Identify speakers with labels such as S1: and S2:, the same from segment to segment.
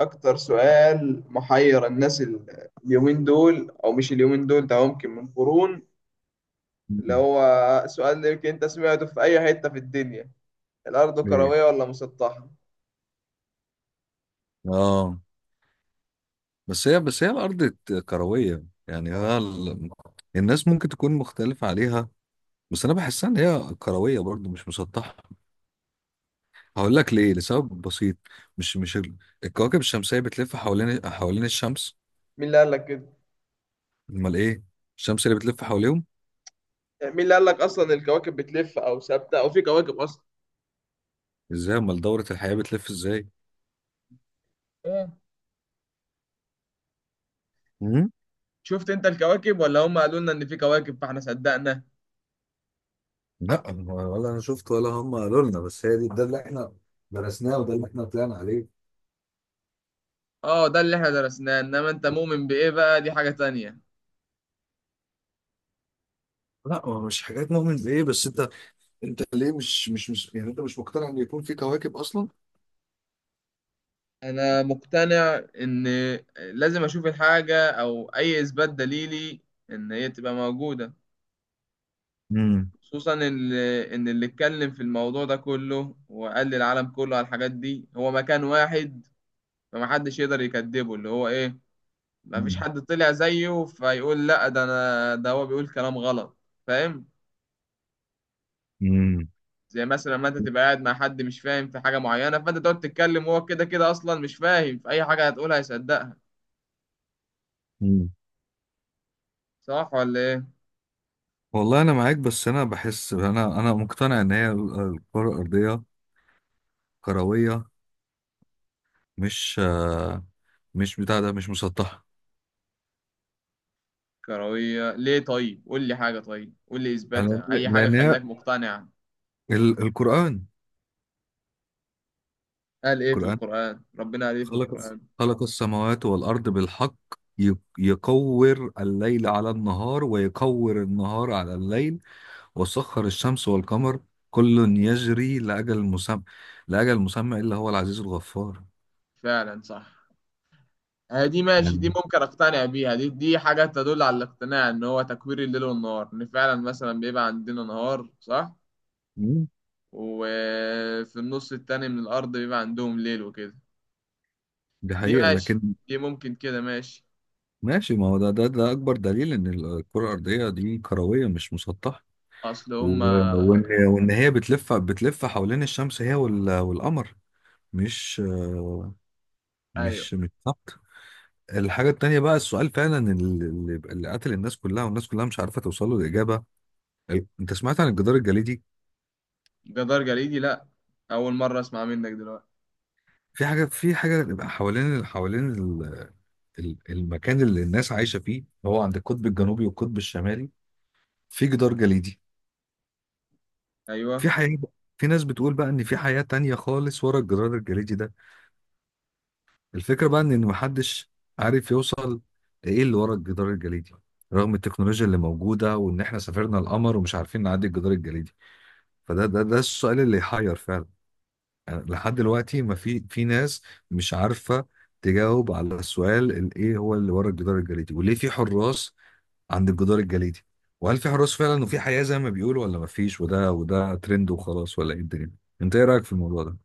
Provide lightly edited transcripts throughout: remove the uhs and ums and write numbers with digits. S1: أكتر سؤال محير الناس اليومين دول أو مش اليومين دول، ده ممكن من قرون. اللي
S2: مم.
S1: هو سؤال اللي يمكن أنت سمعته في أي حتة في الدنيا، الأرض
S2: ايه.
S1: كروية ولا مسطحة؟
S2: اه. بس هي الارض كرويه. يعني الناس ممكن تكون مختلفه عليها، بس انا بحسها ان هي كرويه برضو، مش مسطحه. هقول لك ليه، لسبب بسيط. مش مش ال... الكواكب الشمسيه بتلف حوالين الشمس.
S1: مين اللي قال لك كده؟
S2: امال ايه؟ الشمس اللي بتلف حواليهم؟
S1: مين اللي قال لك أصلا الكواكب بتلف أو ثابتة أو في كواكب أصلا؟
S2: ازاي؟ امال دوره الحياه بتلف ازاي؟
S1: إيه؟
S2: امم
S1: شفت أنت الكواكب ولا هم قالوا لنا إن في كواكب فإحنا صدقنا؟
S2: لا، هو ولا انا شفت ولا هم قالوا لنا، بس هي دي ده اللي احنا درسناه، وده اللي احنا طلعنا عليه.
S1: أه، ده اللي إحنا درسناه، إنما أنت مؤمن بإيه بقى؟ دي حاجة تانية.
S2: لا، هو مش حاجات مؤمن بايه، بس انت ليه مش يعني انت مش مقتنع ان يكون في كواكب اصلا؟
S1: انا مقتنع ان لازم اشوف الحاجه او اي اثبات دليلي ان هي تبقى موجوده،
S2: مم.
S1: خصوصا ان اللي اتكلم في الموضوع ده كله وقال للعالم كله على الحاجات دي هو مكان واحد، فمحدش يقدر يكذبه، اللي هو ايه، مفيش
S2: مم.
S1: حد طلع زيه فيقول لا ده انا، ده هو بيقول كلام غلط. فاهم؟
S2: مم.
S1: زي مثلا ما انت تبقى قاعد مع حد مش فاهم في حاجه معينه، فانت تقعد تتكلم وهو كده كده اصلا مش فاهم في اي حاجه، هتقولها هيصدقها.
S2: مم.
S1: صح ولا ايه؟
S2: والله انا معاك، بس انا بحس انا مقتنع ان هي الكره الارضيه كرويه، مش مش بتاع ده، مش مسطحه.
S1: كروية ليه؟ طيب قول لي حاجة، طيب قول لي
S2: انا
S1: إثباتها، أي حاجة
S2: لان هي
S1: خلاك مقتنع.
S2: القران،
S1: قال إيه في
S2: القران
S1: القرآن؟ ربنا قال إيه في
S2: خلق
S1: القرآن؟
S2: خلق السماوات والارض بالحق، ي- يكور الليل على النهار ويكور النهار على الليل، وسخر الشمس والقمر، كل يجري لأجل مسمى، لأجل مسمى، إلا هو العزيز الغفار.
S1: فعلا صح. هي دي ماشي، دي
S2: يعني
S1: ممكن أقتنع بيها، دي حاجة تدل على الاقتناع إن هو تكوير الليل والنهار، إن فعلا مثلا بيبقى عندنا نهار، صح،
S2: مم،
S1: وفي النص التاني من الأرض بيبقى عندهم ليل وكده.
S2: دي
S1: دي
S2: حقيقة،
S1: ماشي،
S2: لكن
S1: دي ممكن كده ماشي.
S2: ماشي. ما هو ده أكبر دليل إن الكرة الأرضية دي كروية مش مسطحة،
S1: أصل هما.
S2: وإن هي بتلف حوالين الشمس، هي والقمر، مش
S1: أيوه.
S2: مش ثابتة. الحاجة التانية بقى، السؤال فعلا اللي قتل الناس كلها، والناس كلها مش عارفة توصل له الإجابة. أنت سمعت عن الجدار الجليدي؟
S1: جدار جليدي؟ لأ، أول مرة أسمع منك دلوقتي.
S2: في حاجة بيبقى حوالين المكان اللي الناس عايشة فيه، هو عند القطب الجنوبي والقطب الشمالي، في جدار جليدي. في
S1: أيوه.
S2: حياة بقى- في ناس بتقول بقى إن في حياة تانية خالص ورا الجدار الجليدي ده. الفكرة بقى إن محدش عارف يوصل إيه اللي ورا الجدار الجليدي، رغم التكنولوجيا اللي موجودة، وإن إحنا سافرنا القمر ومش عارفين نعدي الجدار الجليدي. فده ده ده السؤال اللي يحير فعلا. يعني لحد دلوقتي ما في ناس مش عارفه تجاوب على السؤال، ايه هو اللي ورا الجدار الجليدي، وليه في حراس عند الجدار الجليدي، وهل في حراس فعلا وفي حياه زي ما بيقولوا، ولا ما فيش، وده ترند وخلاص، ولا ايه الدنيا؟ انت ايه رايك في الموضوع ده؟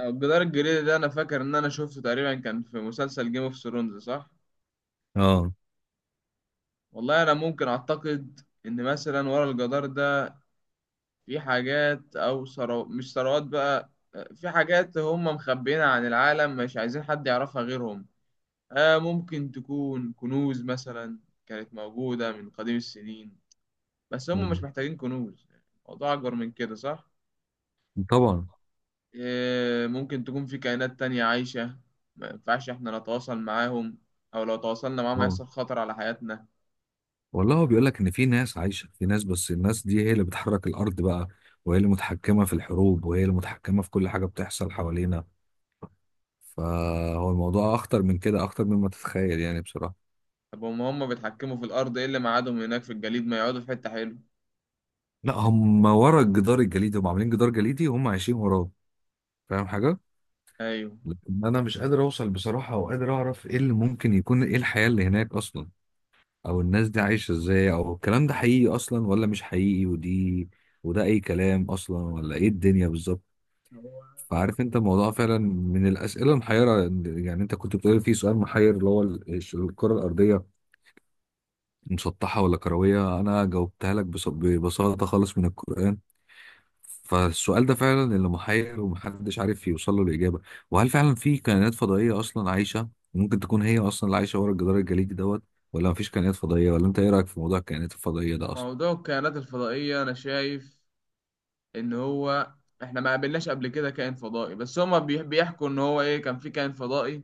S1: الجدار الجليدي ده انا فاكر ان انا شفته تقريبا كان في مسلسل جيم اوف ثرونز، صح.
S2: اه.
S1: والله انا ممكن اعتقد ان مثلا ورا الجدار ده في حاجات او ثروات، مش ثروات بقى، في حاجات هم مخبيينها عن العالم، مش عايزين حد يعرفها غيرهم. آه، ممكن تكون كنوز مثلا كانت موجودة من قديم السنين، بس هم
S2: مم.
S1: مش محتاجين كنوز، يعني الموضوع اكبر من كده، صح.
S2: طبعا.
S1: إيه، ممكن تكون في كائنات تانية عايشة ما ينفعش إحنا نتواصل معاهم، أو لو تواصلنا معاهم
S2: اه.
S1: هيحصل خطر على حياتنا.
S2: والله هو بيقول لك ان في ناس عايشه، في ناس، بس الناس دي هي اللي بتحرك الارض بقى، وهي اللي متحكمه في الحروب، وهي اللي متحكمه في كل حاجه بتحصل حوالينا. فهو الموضوع اخطر من كده، اخطر مما تتخيل، يعني بصراحه.
S1: طب هما بيتحكموا في الأرض، إيه اللي ميعادهم هناك في الجليد؟ ما يقعدوا في حتة حلوة.
S2: لا، هم ورا الجدار الجليدي، هم عاملين جدار جليدي وهم عايشين وراه. فاهم حاجة؟
S1: أيوه.
S2: لكن أنا مش قادر أوصل بصراحة، أو قادر أعرف إيه اللي ممكن يكون، إيه الحياة اللي هناك أصلا، أو الناس دي عايشة إزاي، أو الكلام ده حقيقي أصلا ولا مش حقيقي، ودي وده أي كلام أصلا، ولا إيه الدنيا بالظبط.
S1: هو
S2: فعارف أنت الموضوع فعلا من الأسئلة المحيرة. يعني أنت كنت بتقول في سؤال محير اللي هو الكرة الأرضية مسطحة ولا كروية، أنا جاوبتها لك ببساطة خالص من القرآن. فالسؤال ده فعلا اللي محير، ومحدش عارف يوصل له الإجابة. وهل فعلا في كائنات فضائية أصلا عايشة، ممكن تكون هي أصلا اللي عايشة ورا الجدار الجليدي دوت، ولا مفيش كائنات فضائية؟ ولا أنت إيه رأيك في موضوع الكائنات الفضائية ده أصلا؟
S1: موضوع الكائنات الفضائية أنا شايف إن هو إحنا ما قابلناش قبل كده كائن فضائي، بس هما بيحكوا إن هو إيه، كان في كائن فضائي،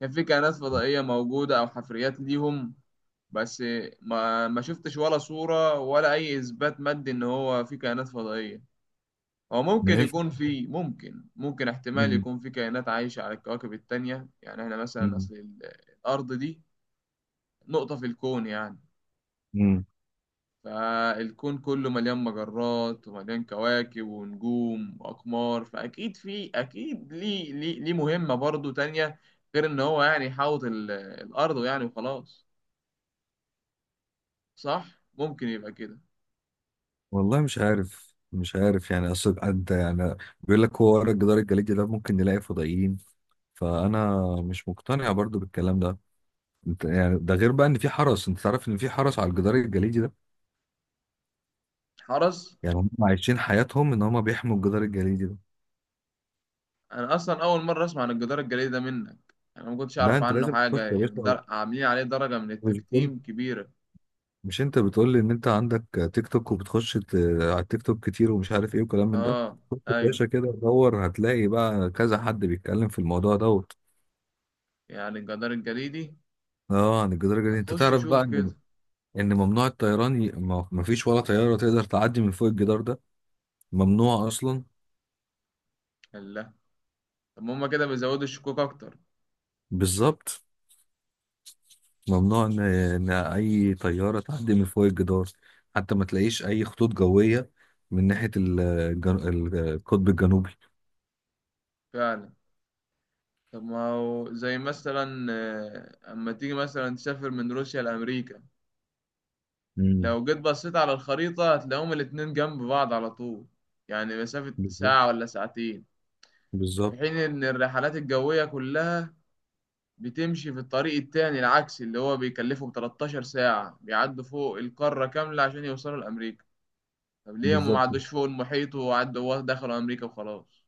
S1: كان في كائنات فضائية موجودة أو حفريات ليهم. بس ما شفتش ولا صورة ولا أي إثبات مادي إن هو في كائنات فضائية. هو
S2: ما
S1: ممكن
S2: هي الف-
S1: يكون في، ممكن ممكن احتمال
S2: مم.
S1: يكون في كائنات عايشة على الكواكب التانية، يعني احنا مثلا
S2: مم.
S1: اصل الارض دي نقطة في الكون يعني.
S2: مم.
S1: فالكون كله مليان مجرات ومليان كواكب ونجوم واقمار، فاكيد في، اكيد ليه مهمة برضو تانية غير ان هو يعني يحاوط الارض يعني وخلاص، صح، ممكن يبقى كده.
S2: والله مش عارف، مش عارف، يعني أصل أنت يعني بيقول لك هو ورا الجدار الجليدي ده ممكن نلاقي فضائيين. فأنا مش مقتنع برضو بالكلام ده. يعني ده، غير بقى إن في حرس، أنت تعرف إن في حرس على الجدار الجليدي ده.
S1: حرس؟
S2: يعني هم عايشين حياتهم ان هم بيحموا الجدار الجليدي ده.
S1: انا اصلا اول مره اسمع عن الجدار الجليدي ده منك يعني، انا ما كنتش
S2: لا،
S1: اعرف
S2: انت
S1: عنه
S2: لازم تخش
S1: حاجه،
S2: يا باشا.
S1: عاملين عليه درجه من
S2: مش بتقول،
S1: التكتيم كبيره.
S2: مش انت بتقول لي ان انت عندك تيك توك، وبتخش على التيك توك كتير، ومش عارف ايه وكلام من ده؟
S1: اه.
S2: خش يا
S1: ايوه،
S2: باشا كده دور، هتلاقي بقى كذا حد بيتكلم في الموضوع دوت.
S1: يعني الجدار الجليدي
S2: اه. عن الجدار الجليدي، انت
S1: اخش
S2: تعرف بقى
S1: اشوف
S2: ان
S1: كده.
S2: ان ممنوع الطيران، ما فيش ولا طياره تقدر تعدي من فوق الجدار ده، ممنوع اصلا.
S1: الله، طب ما هما كده بيزودوا الشكوك اكتر.
S2: بالظبط. ممنوع إن اي طياره تعدي من فوق الجدار، حتى ما تلاقيش اي خطوط جويه من ناحيه القطب الجنوبي.
S1: فعلا. طب ما هو زي مثلا، اما تيجي مثلا تسافر من روسيا لامريكا،
S2: امم
S1: لو جيت بصيت على الخريطه هتلاقيهم الاتنين جنب بعض على طول، يعني مسافه
S2: بالظبط.
S1: ساعه ولا ساعتين. في
S2: بالظبط.
S1: حين ان الرحلات الجويه كلها بتمشي في الطريق التاني العكسي اللي هو بيكلفهم 13 ساعة، بيعدوا فوق القارة كاملة عشان يوصلوا لأمريكا. طب ليه هم ما
S2: بالظبط.
S1: عدوش فوق المحيط وعدوا دخلوا أمريكا وخلاص؟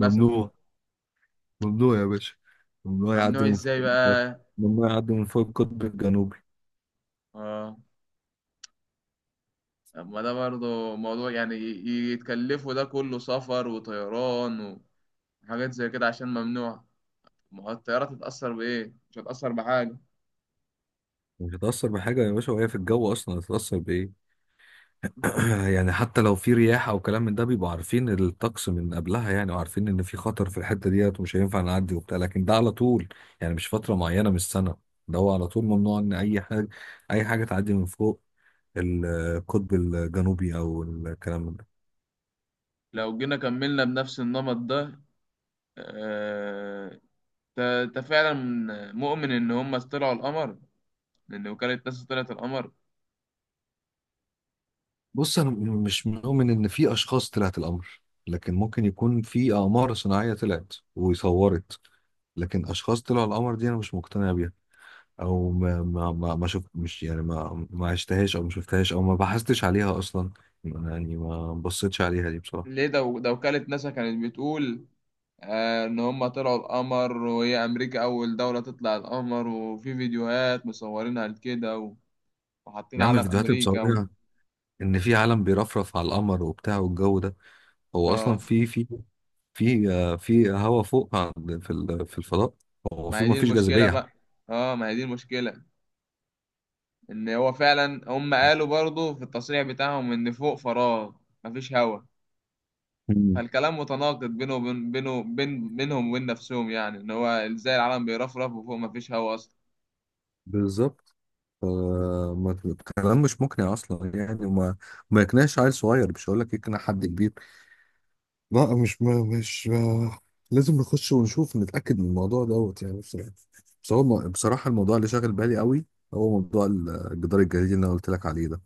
S1: مثلا.
S2: ممنوع يا باشا. ممنوع يعدي
S1: ممنوع
S2: من فوق
S1: ازاي
S2: الجدار.
S1: بقى؟
S2: ممنوع يعدي من فوق القطب الجنوبي.
S1: اه. طب ما ده برضه موضوع، يعني يتكلفوا ده كله سفر وطيران وحاجات زي كده عشان ممنوع؟ ما هو الطيارة تتأثر بإيه؟ مش هتأثر بحاجة.
S2: مش هتأثر بحاجة يا باشا، وهي في الجو أصلا هتتأثر بإيه؟ يعني حتى لو في رياح او كلام من ده، بيبقوا عارفين الطقس من قبلها يعني، وعارفين ان في خطر في الحته ديت ومش هينفع نعدي وبتاع، لكن ده على طول، يعني مش فتره معينه من السنه. ده هو على طول ممنوع ان اي حاجه تعدي من فوق القطب الجنوبي او الكلام من ده.
S1: لو جينا كملنا بنفس النمط ده، آه، انت فعلا مؤمن ان هم طلعوا القمر؟ لأن وكالة ناسا طلعت القمر.
S2: بص، انا مش مؤمن ان في اشخاص طلعت القمر، لكن ممكن يكون في اقمار صناعيه طلعت وصورت، لكن اشخاص طلعوا القمر دي انا مش مقتنع بيها، او ما شفت. مش يعني ما عشتهاش، او ما شفتهاش، او ما بحثتش عليها اصلا، يعني ما بصيتش عليها دي بصراحه.
S1: ليه؟ ده وكالة ناسا كانت بتقول إن هما طلعوا القمر، وهي أمريكا أول دولة تطلع القمر، وفي فيديوهات مصورينها لكده، و- وحاطين
S2: يا عم،
S1: علم
S2: الفيديوهات اللي
S1: أمريكا و...
S2: مصورها ان في عالم بيرفرف على القمر وبتاع والجو ده، هو اصلا
S1: آه،
S2: في هوا فوق، في الفضاء. هو
S1: ما هي
S2: المفروض ما
S1: دي
S2: فيش
S1: المشكلة
S2: جاذبيه.
S1: بقى، آه، ما هي دي المشكلة، إن هو فعلا هم قالوا برضه في التصريح بتاعهم إن فوق فراغ، مفيش هوا.
S2: مم.
S1: فالكلام متناقض بينه وبين بينهم وبين نفسهم يعني، إن هو إزاي العالم بيرفرف وفوق مفيش هوا أصلا؟
S2: بالظبط. ف- الكلام مش مقنع اصلا، يعني وما ما يقنعش عيل صغير، مش هقول لك يقنع حد كبير. لا، مش ما مش ما لازم نخش ونشوف نتأكد من الموضوع دوت، يعني بصراحة. بس هو بصراحة الموضوع اللي شاغل بالي قوي، هو موضوع الجدار الجليدي اللي انا قلت لك عليه ده،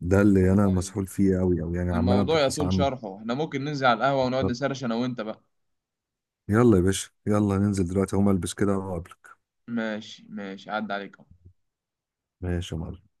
S2: ده اللي انا
S1: والله
S2: مسحول فيه قوي قوي، يعني عمال
S1: الموضوع
S2: ابحث
S1: يطول
S2: عنه.
S1: شرحه، احنا ممكن ننزل على القهوة ونقعد نسرش انا وانت بقى.
S2: يلا يا باشا، يلا ننزل دلوقتي، هقوم البس كده واقابلك.
S1: ماشي ماشي، عدى عليك.
S2: ماشي يا معلم.